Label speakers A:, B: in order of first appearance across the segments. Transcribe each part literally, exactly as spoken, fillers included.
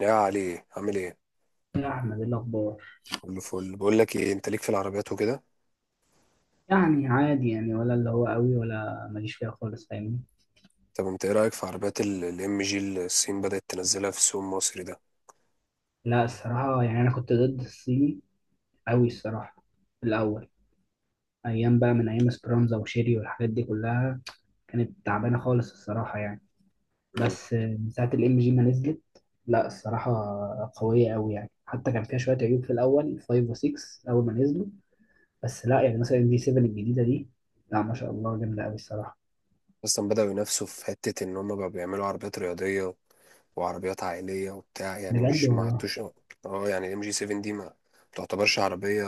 A: يا علي، عامل ايه؟
B: يا أحمد إيه الأخبار؟
A: كله فل. بقول لك ايه، انت ليك في العربيات وكده؟
B: يعني عادي يعني ولا اللي هو قوي ولا ماليش فيها خالص فاهمني.
A: طب انت ايه رايك في عربيات الام جي اللي الصين بدات تنزلها في السوق المصري ده؟
B: لا الصراحة يعني أنا كنت ضد الصيني قوي الصراحة في الأول، أيام بقى من أيام سبرانزا وشيري والحاجات دي كلها كانت تعبانة خالص الصراحة يعني.
A: مم.
B: بس من ساعة الإم جي ما نزلت، لا الصراحة قوية قوي يعني، حتى كان فيها شوية عيوب في الأول خمسة و6 أول ما نزلوا، بس لا يعني مثلا دي سبعة الجديدة دي، لا ما شاء الله جامدة قوي الصراحة.
A: اصلا بداوا ينافسوا في حته ان هم بقى بيعملوا عربيات رياضيه وعربيات عائليه وبتاع، يعني
B: بجد
A: مش ما
B: والله.
A: عدتوش. اه، يعني الام جي سبعة دي ما تعتبرش عربيه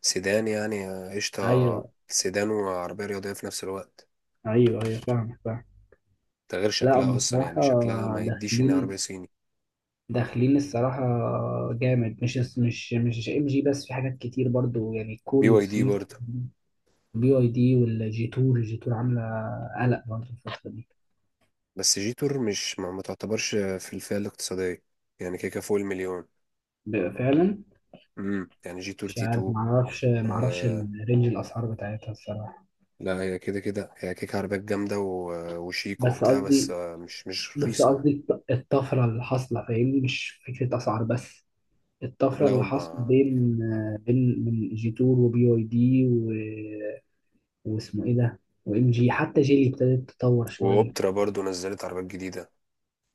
A: سيدان يعني. قشطه،
B: أيوه،
A: سيدان وعربيه رياضيه في نفس الوقت.
B: أيوه أيوه، فاهمك فاهمك.
A: ده غير
B: لا
A: شكلها
B: هم
A: اصلا، يعني
B: بصراحة
A: شكلها ما يديش انها عربيه
B: داخلين،
A: صيني.
B: داخلين الصراحة جامد، مش مش مش ام جي بس، في حاجات كتير برضو يعني
A: بي
B: الكوري
A: واي دي
B: والصيني.
A: برضه.
B: بي اي دي والجي تور، الجي تور عاملة قلق برضو الفترة دي.
A: بس جيتور مش ما, ما تعتبرش في الفئة الاقتصادية، يعني كيكة فوق المليون.
B: ب- فعلا.
A: امم يعني جيتور
B: مش
A: تي
B: عارف،
A: اتنين.
B: معرفش معرفش
A: آه،
B: الرينج الأسعار بتاعتها الصراحة.
A: لا هي كده كده هي كيكة عربيات جامدة و- آه، وشيك
B: بس
A: وبتاع، بس
B: قصدي
A: آه مش مش
B: بس
A: رخيصة يعني.
B: قصدي الط- الطفرة اللي حاصلة فاهمني، مش فكرة أسعار بس، الطفرة
A: لا
B: اللي
A: هم.
B: حاصلة بين، بين من جي تور وبي اي دي واسمه ايه ده وام جي، حتى جيلي ابتدت تتطور شويه.
A: وأوبترا برضو نزلت عربيات جديدة.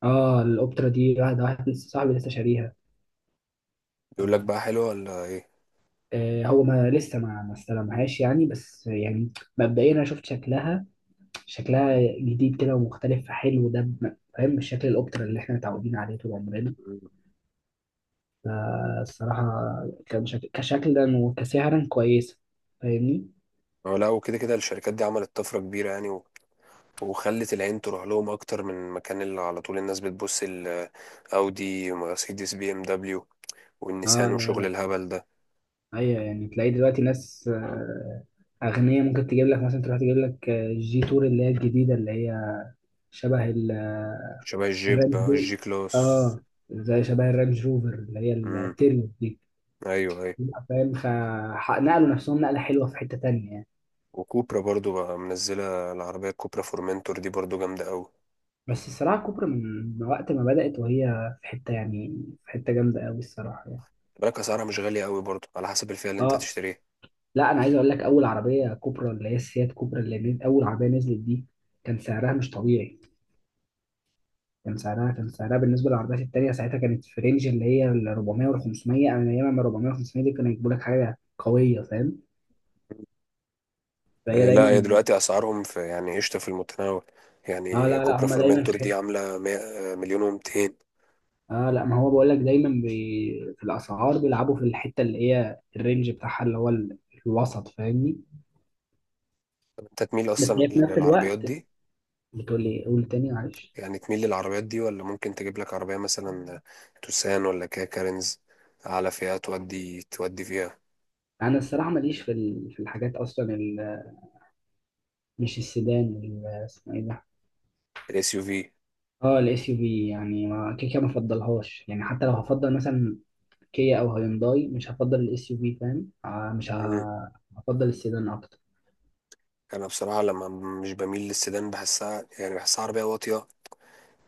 B: اه الاوبترا دي، واحد واحد لسه صاحبي لسه شاريها.
A: بيقول لك
B: آه،
A: بقى، حلوة ولا ايه؟
B: آه، هو ما لسه، ما ما استلمهاش يعني، بس يعني مبدئيا انا شفت شكلها، شكلها جديد كده ومختلف فحلو ده، ب- فاهم، مش شكل الاوبترا اللي احنا متعودين عليه طول عمرنا.
A: مم.
B: فالصراحه كان شكل كشكلا وكسعرا كويسه فاهمني.
A: هو لا، وكده كده الشركات دي عملت طفرة كبيرة يعني، و... وخلت العين تروح لهم اكتر من مكان اللي على طول الناس بتبص، الاودي، مرسيدس، بي ام دبليو
B: اه
A: والنيسان
B: لا
A: وشغل
B: لا.
A: الهبل ده.
B: ايوه يعني تلاقي دلوقتي ناس، آه، أغنية ممكن تجيب لك مثلا، تروح تجيب لك، آه، جي تور اللي هي الجديدة اللي هي شبه ال-
A: شبه الجيب
B: الرانج رو
A: الجي كلاس.
B: اه، زي شبه الرانج روفر اللي هي
A: امم،
B: التيريو دي.
A: ايوه ايوه.
B: لا، فاهم، خ... ح- نقلوا نفسهم نقلة حلوة في حتة تانية يعني.
A: وكوبرا برضو بقى منزله العربيه، كوبرا فورمنتور دي برضو جامده قوي.
B: بس الصراحة كوبرا من وقت ما بدأت وهي في حتة، يعني في حتة جامدة قوي الصراحة يعني.
A: بالك اسعارها مش غاليه قوي برضو، على حسب الفئه اللي انت
B: اه
A: هتشتريها.
B: لا، أنا عايز أقول لك، أول عربية كوبرا اللي هي السيات كوبرا اللي نز- أول عربية نزلت دي، كان سعرها مش طبيعي، كان سعرها كان سعرها بالنسبة للعربيات التانية ساعتها، كانت في رينج اللي هي ال أربعمية وال خمسمية. أنا أيام ما أربعمية وال خمسمية دي كانوا يجيبوا لك حاجة قوية فاهم. فهي
A: آه، لا هي
B: دايما،
A: دلوقتي اسعارهم، في يعني قشطه في المتناول.
B: اه
A: يعني
B: لا لا،
A: كوبرا
B: هما دايما
A: فورمنتور
B: في
A: دي
B: حته.
A: عامله مية- آه، مليون و200.
B: اه لا، ما هو بقول لك دايما بي... في الاسعار بيلعبوا في الحته اللي هي الرينج بتاعها اللي هو ال- الوسط فاهمني.
A: انت تميل
B: بس
A: اصلا
B: هي في نفس
A: للعربيات
B: الوقت،
A: دي؟
B: بتقول لي قول تاني معلش.
A: يعني تميل للعربيات دي، ولا ممكن تجيب لك عربيه مثلا توسان ولا كيا كارينز على فئه تودي تودي فيها؟
B: انا الصراحه ماليش في ال... في الحاجات اصلا ال... مش السيدان ال- اسمه ايه ده،
A: الاس يو في.
B: اه الاس يو في. يعني ما كده كده ما بفضلهاش يعني، حتى لو هفضل مثلا كيا او هيونداي مش هفضل الاس يو في فاهم، آه مش ه... هفضل السيدان اكتر.
A: انا بصراحه لما مش بميل للسيدان، بحسها يعني بحسها عربيه واطيه.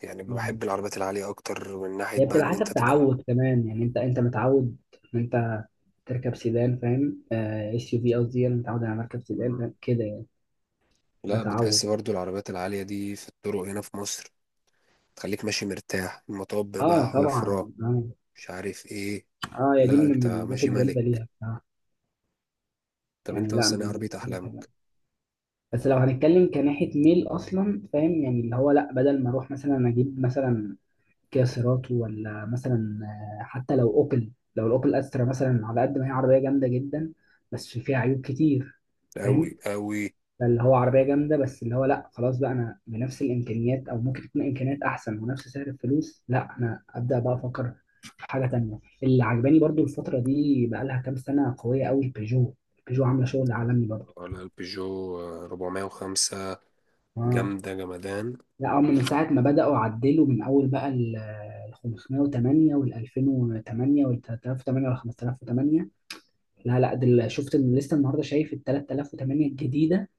A: يعني
B: مم.
A: بحب العربيات العاليه اكتر، من ناحيه
B: هي
A: بقى
B: بتبقى
A: ان انت
B: حسب
A: تبقى
B: تعود كمان يعني، انت انت متعود ان انت تركب سيدان فاهم؟ اس يو في قصدي، انا متعود على مركب سيدان
A: م-
B: فاهم؟ كده يعني.
A: لا بتحس
B: بتعود.
A: برضو العربيات العاليه دي في الطرق هنا في مصر تخليك ماشي مرتاح. المطب بقى
B: اه طبعا
A: حفره،
B: اه.
A: مش عارف ايه.
B: اه يا دي
A: لا
B: من
A: انت
B: المميزات
A: ماشي
B: الجامده
A: ملك.
B: ليها بصراحه،
A: طب
B: يعني
A: انت
B: لا من
A: اصلا ايه عربيه
B: المميزات الحلوه،
A: احلامك؟
B: بس لو هنتكلم كناحيه ميل اصلا فاهم، يعني اللي هو لا بدل ما اروح مثلا اجيب مثلا كيا سيراتو ولا مثلا، آه، حتى لو اوبل، لو الاوبل استرا مثلا، على قد ما هي عربيه جامده جدا بس فيها عيوب كتير
A: قوي
B: فاهم،
A: قوي.
B: فاللي هو عربية جامدة، بس اللي هو لا خلاص بقى، أنا بنفس الإمكانيات أو ممكن تكون إمكانيات أحسن ونفس سعر الفلوس، لا أنا أبدأ بقى أفكر في حاجة تانية. اللي عجباني برضو الفترة دي بقى لها كام سنة قوية قوي، البيجو، البيجو عاملة شغل عالمي برضو.
A: ولا البيجو اربعمية وخمسة؟
B: آه
A: جامده جمدان.
B: لا، هم من ساعة ما بدأوا عدلوا من أول بقى ال ال خمسمية وتمانية وال ألفين وتمانية وال تلاتة آلاف وتمانية وال خمسة آلاف وتمانية. لا لا، دل شفت ال- لسه النهارده شايف ال تلاتة آلاف وتمانية الجديدة،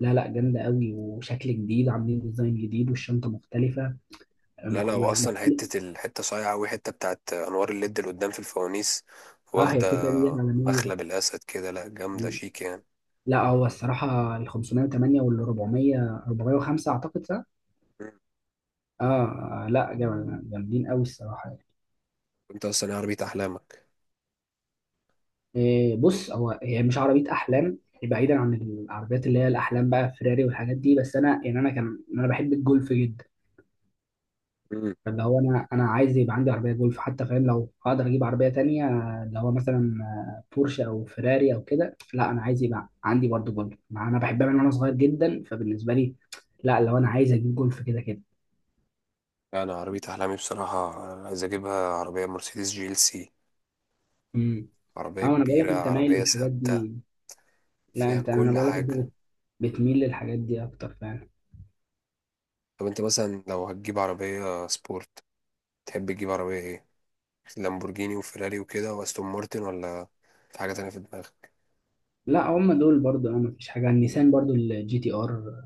B: لا لا جامدة قوي وشكل جديد، عاملين ديزاين جديد والشنطة مختلفة،
A: لا
B: مخ-
A: لا،
B: يعني.
A: واصلا حته الحته صايعه قوي، حته بتاعت انوار الليد اللي قدام في الفوانيس
B: اه هي
A: واخده
B: كيكه دي عالميه.
A: مخلب الاسد كده، لا جامده
B: مم.
A: شيك يعني.
B: لا هو الصراحه ال خمسمية وتمانية وال أربعمية، أربعمية وخمسة اعتقد صح؟
A: مم.
B: اه. آه، لا جامد- جامدين قوي الصراحه يعني.
A: انت اصلا إيه عربيه احلامك؟
B: إيه بص، هو هي مش عربيه احلام، بعيدا عن العربيات اللي هي الاحلام بقى فيراري والحاجات دي، بس انا يعني، انا كان انا بحب الجولف جدا.
A: مم.
B: فاللي هو انا انا عايز يبقى عندي عربيه جولف حتى فاهم، لو هقدر اجيب عربيه تانية اللي هو مثلا، آه، بورشه او فيراري او كده، لا انا عايز يبقى عندي برضو جولف، مع انا بحبها من وانا صغير جدا، فبالنسبه لي، لا لو انا عايز اجيب جولف كده كده.
A: انا عربيه احلامي بصراحه عايز اجيبها عربيه مرسيدس جي ال سي.
B: امم
A: عربيه
B: اه انا بقول لك
A: كبيره،
B: انت مايل
A: عربيه
B: للحاجات
A: ثابته،
B: دي. لا
A: فيها
B: انت، انا
A: كل
B: بقول لك انت
A: حاجه.
B: بت- بتميل للحاجات دي اكتر فعلا.
A: طب انت مثلا لو هتجيب عربيه سبورت، تحب تجيب عربيه ايه؟ لامبورجيني وفيراري وكده، واستون مارتن، ولا في حاجه تانية في دماغك؟
B: لا هم دول برضو اه، مفيش حاجه، النيسان برضو الجي تي ار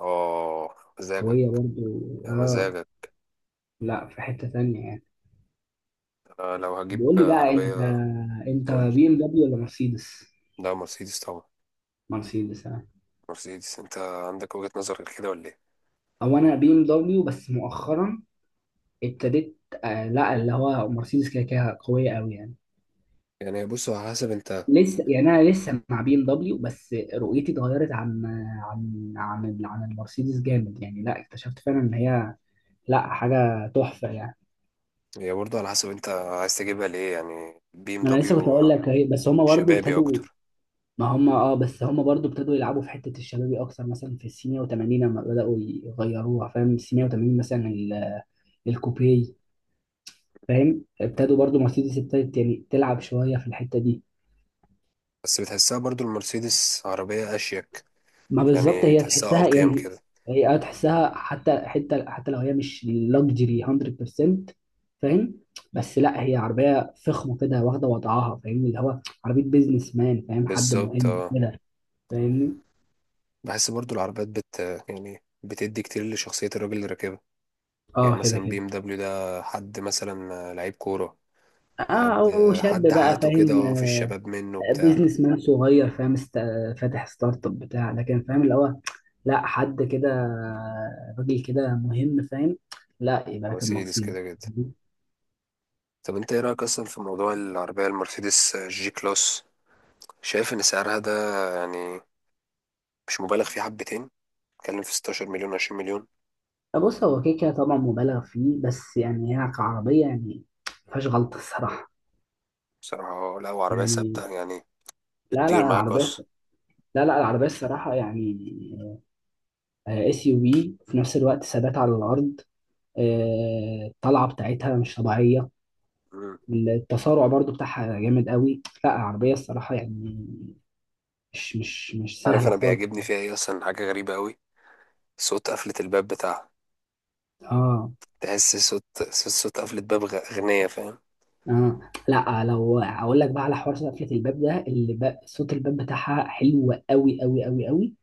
A: اه، مزاجك.
B: قويه برضو.
A: يا
B: اه،
A: مزاجك.
B: لا في حته تانية يعني.
A: آه، لو هجيب
B: بقول لي بقى، انت،
A: عربية.
B: انت
A: قول لي.
B: بي ام دبليو ولا مرسيدس؟
A: لا مرسيدس طبعا.
B: مرسيدس آه.
A: مرسيدس. انت عندك وجهة نظر غير كده ولا ايه؟
B: او انا بي ام دبليو، بس مؤخرا ابتديت، آه لا اللي هو مرسيدس كده كده قويه قوي يعني.
A: يعني بص، على حسب انت.
B: لسه يعني، انا لسه مع بي ام دبليو بس رؤيتي اتغيرت عن، عن عن ال- عن المرسيدس جامد يعني، لا اكتشفت فعلا ان هي لا حاجه تحفه يعني.
A: هي برضه على حسب انت عايز تجيبها ليه يعني بي ام
B: ما انا لسه كنت اقول
A: دبليو.
B: لك اهي، بس هما برضو
A: شبابي
B: ابتدوا،
A: اكتر.
B: ما هما اه، بس هما برضو ابتدوا يلعبوا في حته الشبابي اكتر، مثلا في السينيا و80، لما بداوا يغيروها فاهم، السينيا و80 مثلا ال- الكوبيه فاهم، ابتدوا برضو، مرسيدس ابتدت يعني تلعب شويه في الحته دي.
A: بس بتحسها برضه المرسيدس عربية اشيك،
B: ما بالظبط
A: يعني
B: هي
A: تحسها
B: تحسها
A: اقيم
B: يعني.
A: كده.
B: هي اه تحسها، حتى حتى حتى لو هي مش لوكسجري مية بالمية فاهم، بس لا هي عربيه فخمه كده واخده وضعها فاهمني، اللي هو عربيه بيزنس مان، فاهم حد
A: بالظبط
B: مهم
A: اه.
B: كده فاهمني.
A: بحس برضه العربيات بت يعني بتدي كتير لشخصية الراجل اللي راكبها. يعني
B: اه كده
A: مثلا بي
B: كده.
A: ام دبليو ده حد مثلا لعيب كورة،
B: اه
A: حد
B: او شاب
A: حد
B: بقى
A: حياته
B: فاهم،
A: كده، اه، في الشباب منه بتاع.
B: بيزنس مان صغير، فاهم است... فاتح ستارت اب بتاع، لكن فاهم اللي هو لا حد كده، راجل كده مهم فاهم، لا يبقى راكب
A: مرسيدس كده
B: مرسيدس.
A: كده. طب انت ايه رأيك اصلا في موضوع العربية المرسيدس جي كلاس؟ شايف ان سعرها ده يعني مش مبالغ فيه حبتين؟ بتكلم في ستاشر مليون، عشرين مليون.
B: بص، هو كده كده طبعا مبالغ فيه، بس يعني هي كعربية يعني مفيهاش غلطة الصراحة
A: بصراحة لا، وعربية
B: يعني،
A: ثابتة يعني،
B: لا لا
A: بتطير معاك
B: العربية،
A: اصلا.
B: لا لا العربية الصراحة يعني اس يو في في نفس الوقت، ثبات على الأرض، آه، الطلعة بتاعتها مش طبيعية،
A: مم.
B: التسارع برضو بتاعها جامد قوي، لا العربية الصراحة يعني مش مش مش
A: عارف
B: سهل
A: انا
B: خالص.
A: بيعجبني فيها ايه اصلا؟ حاجة غريبة قوي، صوت قفلة الباب بتاعها.
B: اه.
A: تحس صوت صوت, صوت قفلة باب غ- غنية، فاهم؟
B: اه لا، لو اقول لك بقى على حوار قفله الباب ده، اللي بقى صوت الباب بتاعها حلو قوي قوي قوي قوي،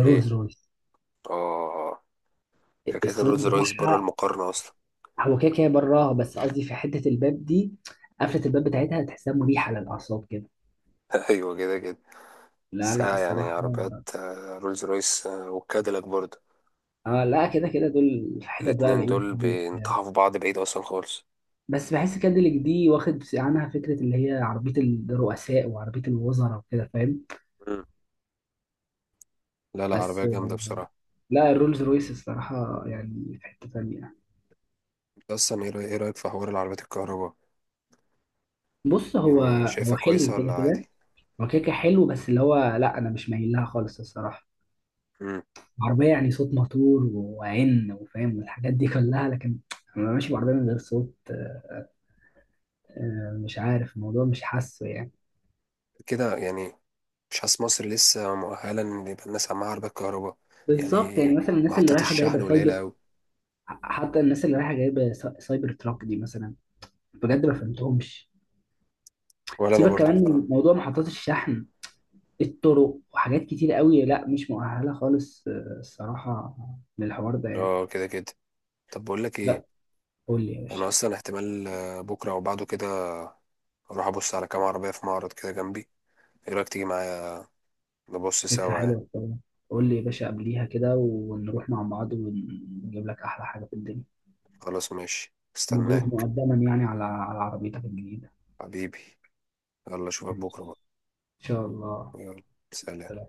A: ايه؟
B: رويس.
A: اه. فكرة
B: الصوت
A: الرولز رويس بره
B: بتاعها،
A: المقارنة اصلا.
B: هو كده كده براها، بس قصدي في حته الباب دي، قفله الباب بتاعتها تحسها مريحه للاعصاب كده.
A: ايوه كده كده.
B: لا لا
A: ساعة يعني
B: الصراحه.
A: عربيات آه، رولز رويس آه، وكاديلاك برضه.
B: اه لا كده كده دول في حتت بقى
A: الاتنين
B: بعيد
A: دول
B: خالص يعني.
A: بينطحوا في بعض بعيد اصلا خالص.
B: بس بحس كادليك دي واخد عنها فكره اللي هي عربيه الرؤساء وعربيه الوزراء وكده فاهم.
A: مم. لا لا، عربية
B: بس
A: جامدة بصراحة.
B: لا الرولز رويس الصراحة يعني في حتة تانية.
A: انت اصلا ايه رأي- إيه رأيك في حوار العربيات الكهرباء؟
B: بص هو،
A: يعني شايفها
B: هو حلو
A: كويسة ولا
B: كده
A: عادي؟
B: كده، هو كده كده حلو، بس اللي هو لا أنا مش مايل لها خالص الصراحة.
A: مم.
B: عربية يعني صوت موتور وعن وفاهم والحاجات دي كلها، لكن أنا ماشي بعربية من غير صوت، آه، مش عارف، الموضوع مش حاسه يعني.
A: كده يعني. مش حاسس مصر لسه مؤهلة ان يبقى الناس عندها عربيات كهرباء،
B: بالظبط،
A: يعني
B: يعني مثلا الناس اللي
A: محطات
B: رايحة
A: الشحن
B: جايبة سايبر،
A: قليلة اوي.
B: حتى الناس اللي رايحة جايبة سا- سايبر تراك دي مثلا، بجد ما فهمتهمش.
A: ولا انا
B: سيبك
A: برضو
B: كمان من
A: بصراحة.
B: موضوع محطات الشحن، الطرق وحاجات كتير قوي، لا مش مؤهلة خالص آه، الصراحة، للحوار ده يعني.
A: اه كده كده. طب بقول لك ايه.
B: لا، قول لي يا
A: انا
B: باشا.
A: اصلا احتمال آه، بكرة او بعده كده اروح ابص على كام عربية في معرض كده جنبي. ايه رأيك تيجي معايا؟ نبص
B: فكرة
A: سوا يعني.
B: حلوة طبعا، قول لي يا باشا قبليها كده، ونروح مع بعض ونجيب لك أحلى حاجة في الدنيا.
A: خلاص ماشي،
B: مبروك
A: استناك
B: مقدما يعني على، على عربيتك الجديدة.
A: حبيبي. يلا اشوفك
B: إن
A: بكره بقى.
B: شاء الله.
A: يلا. سلام.
B: سلام.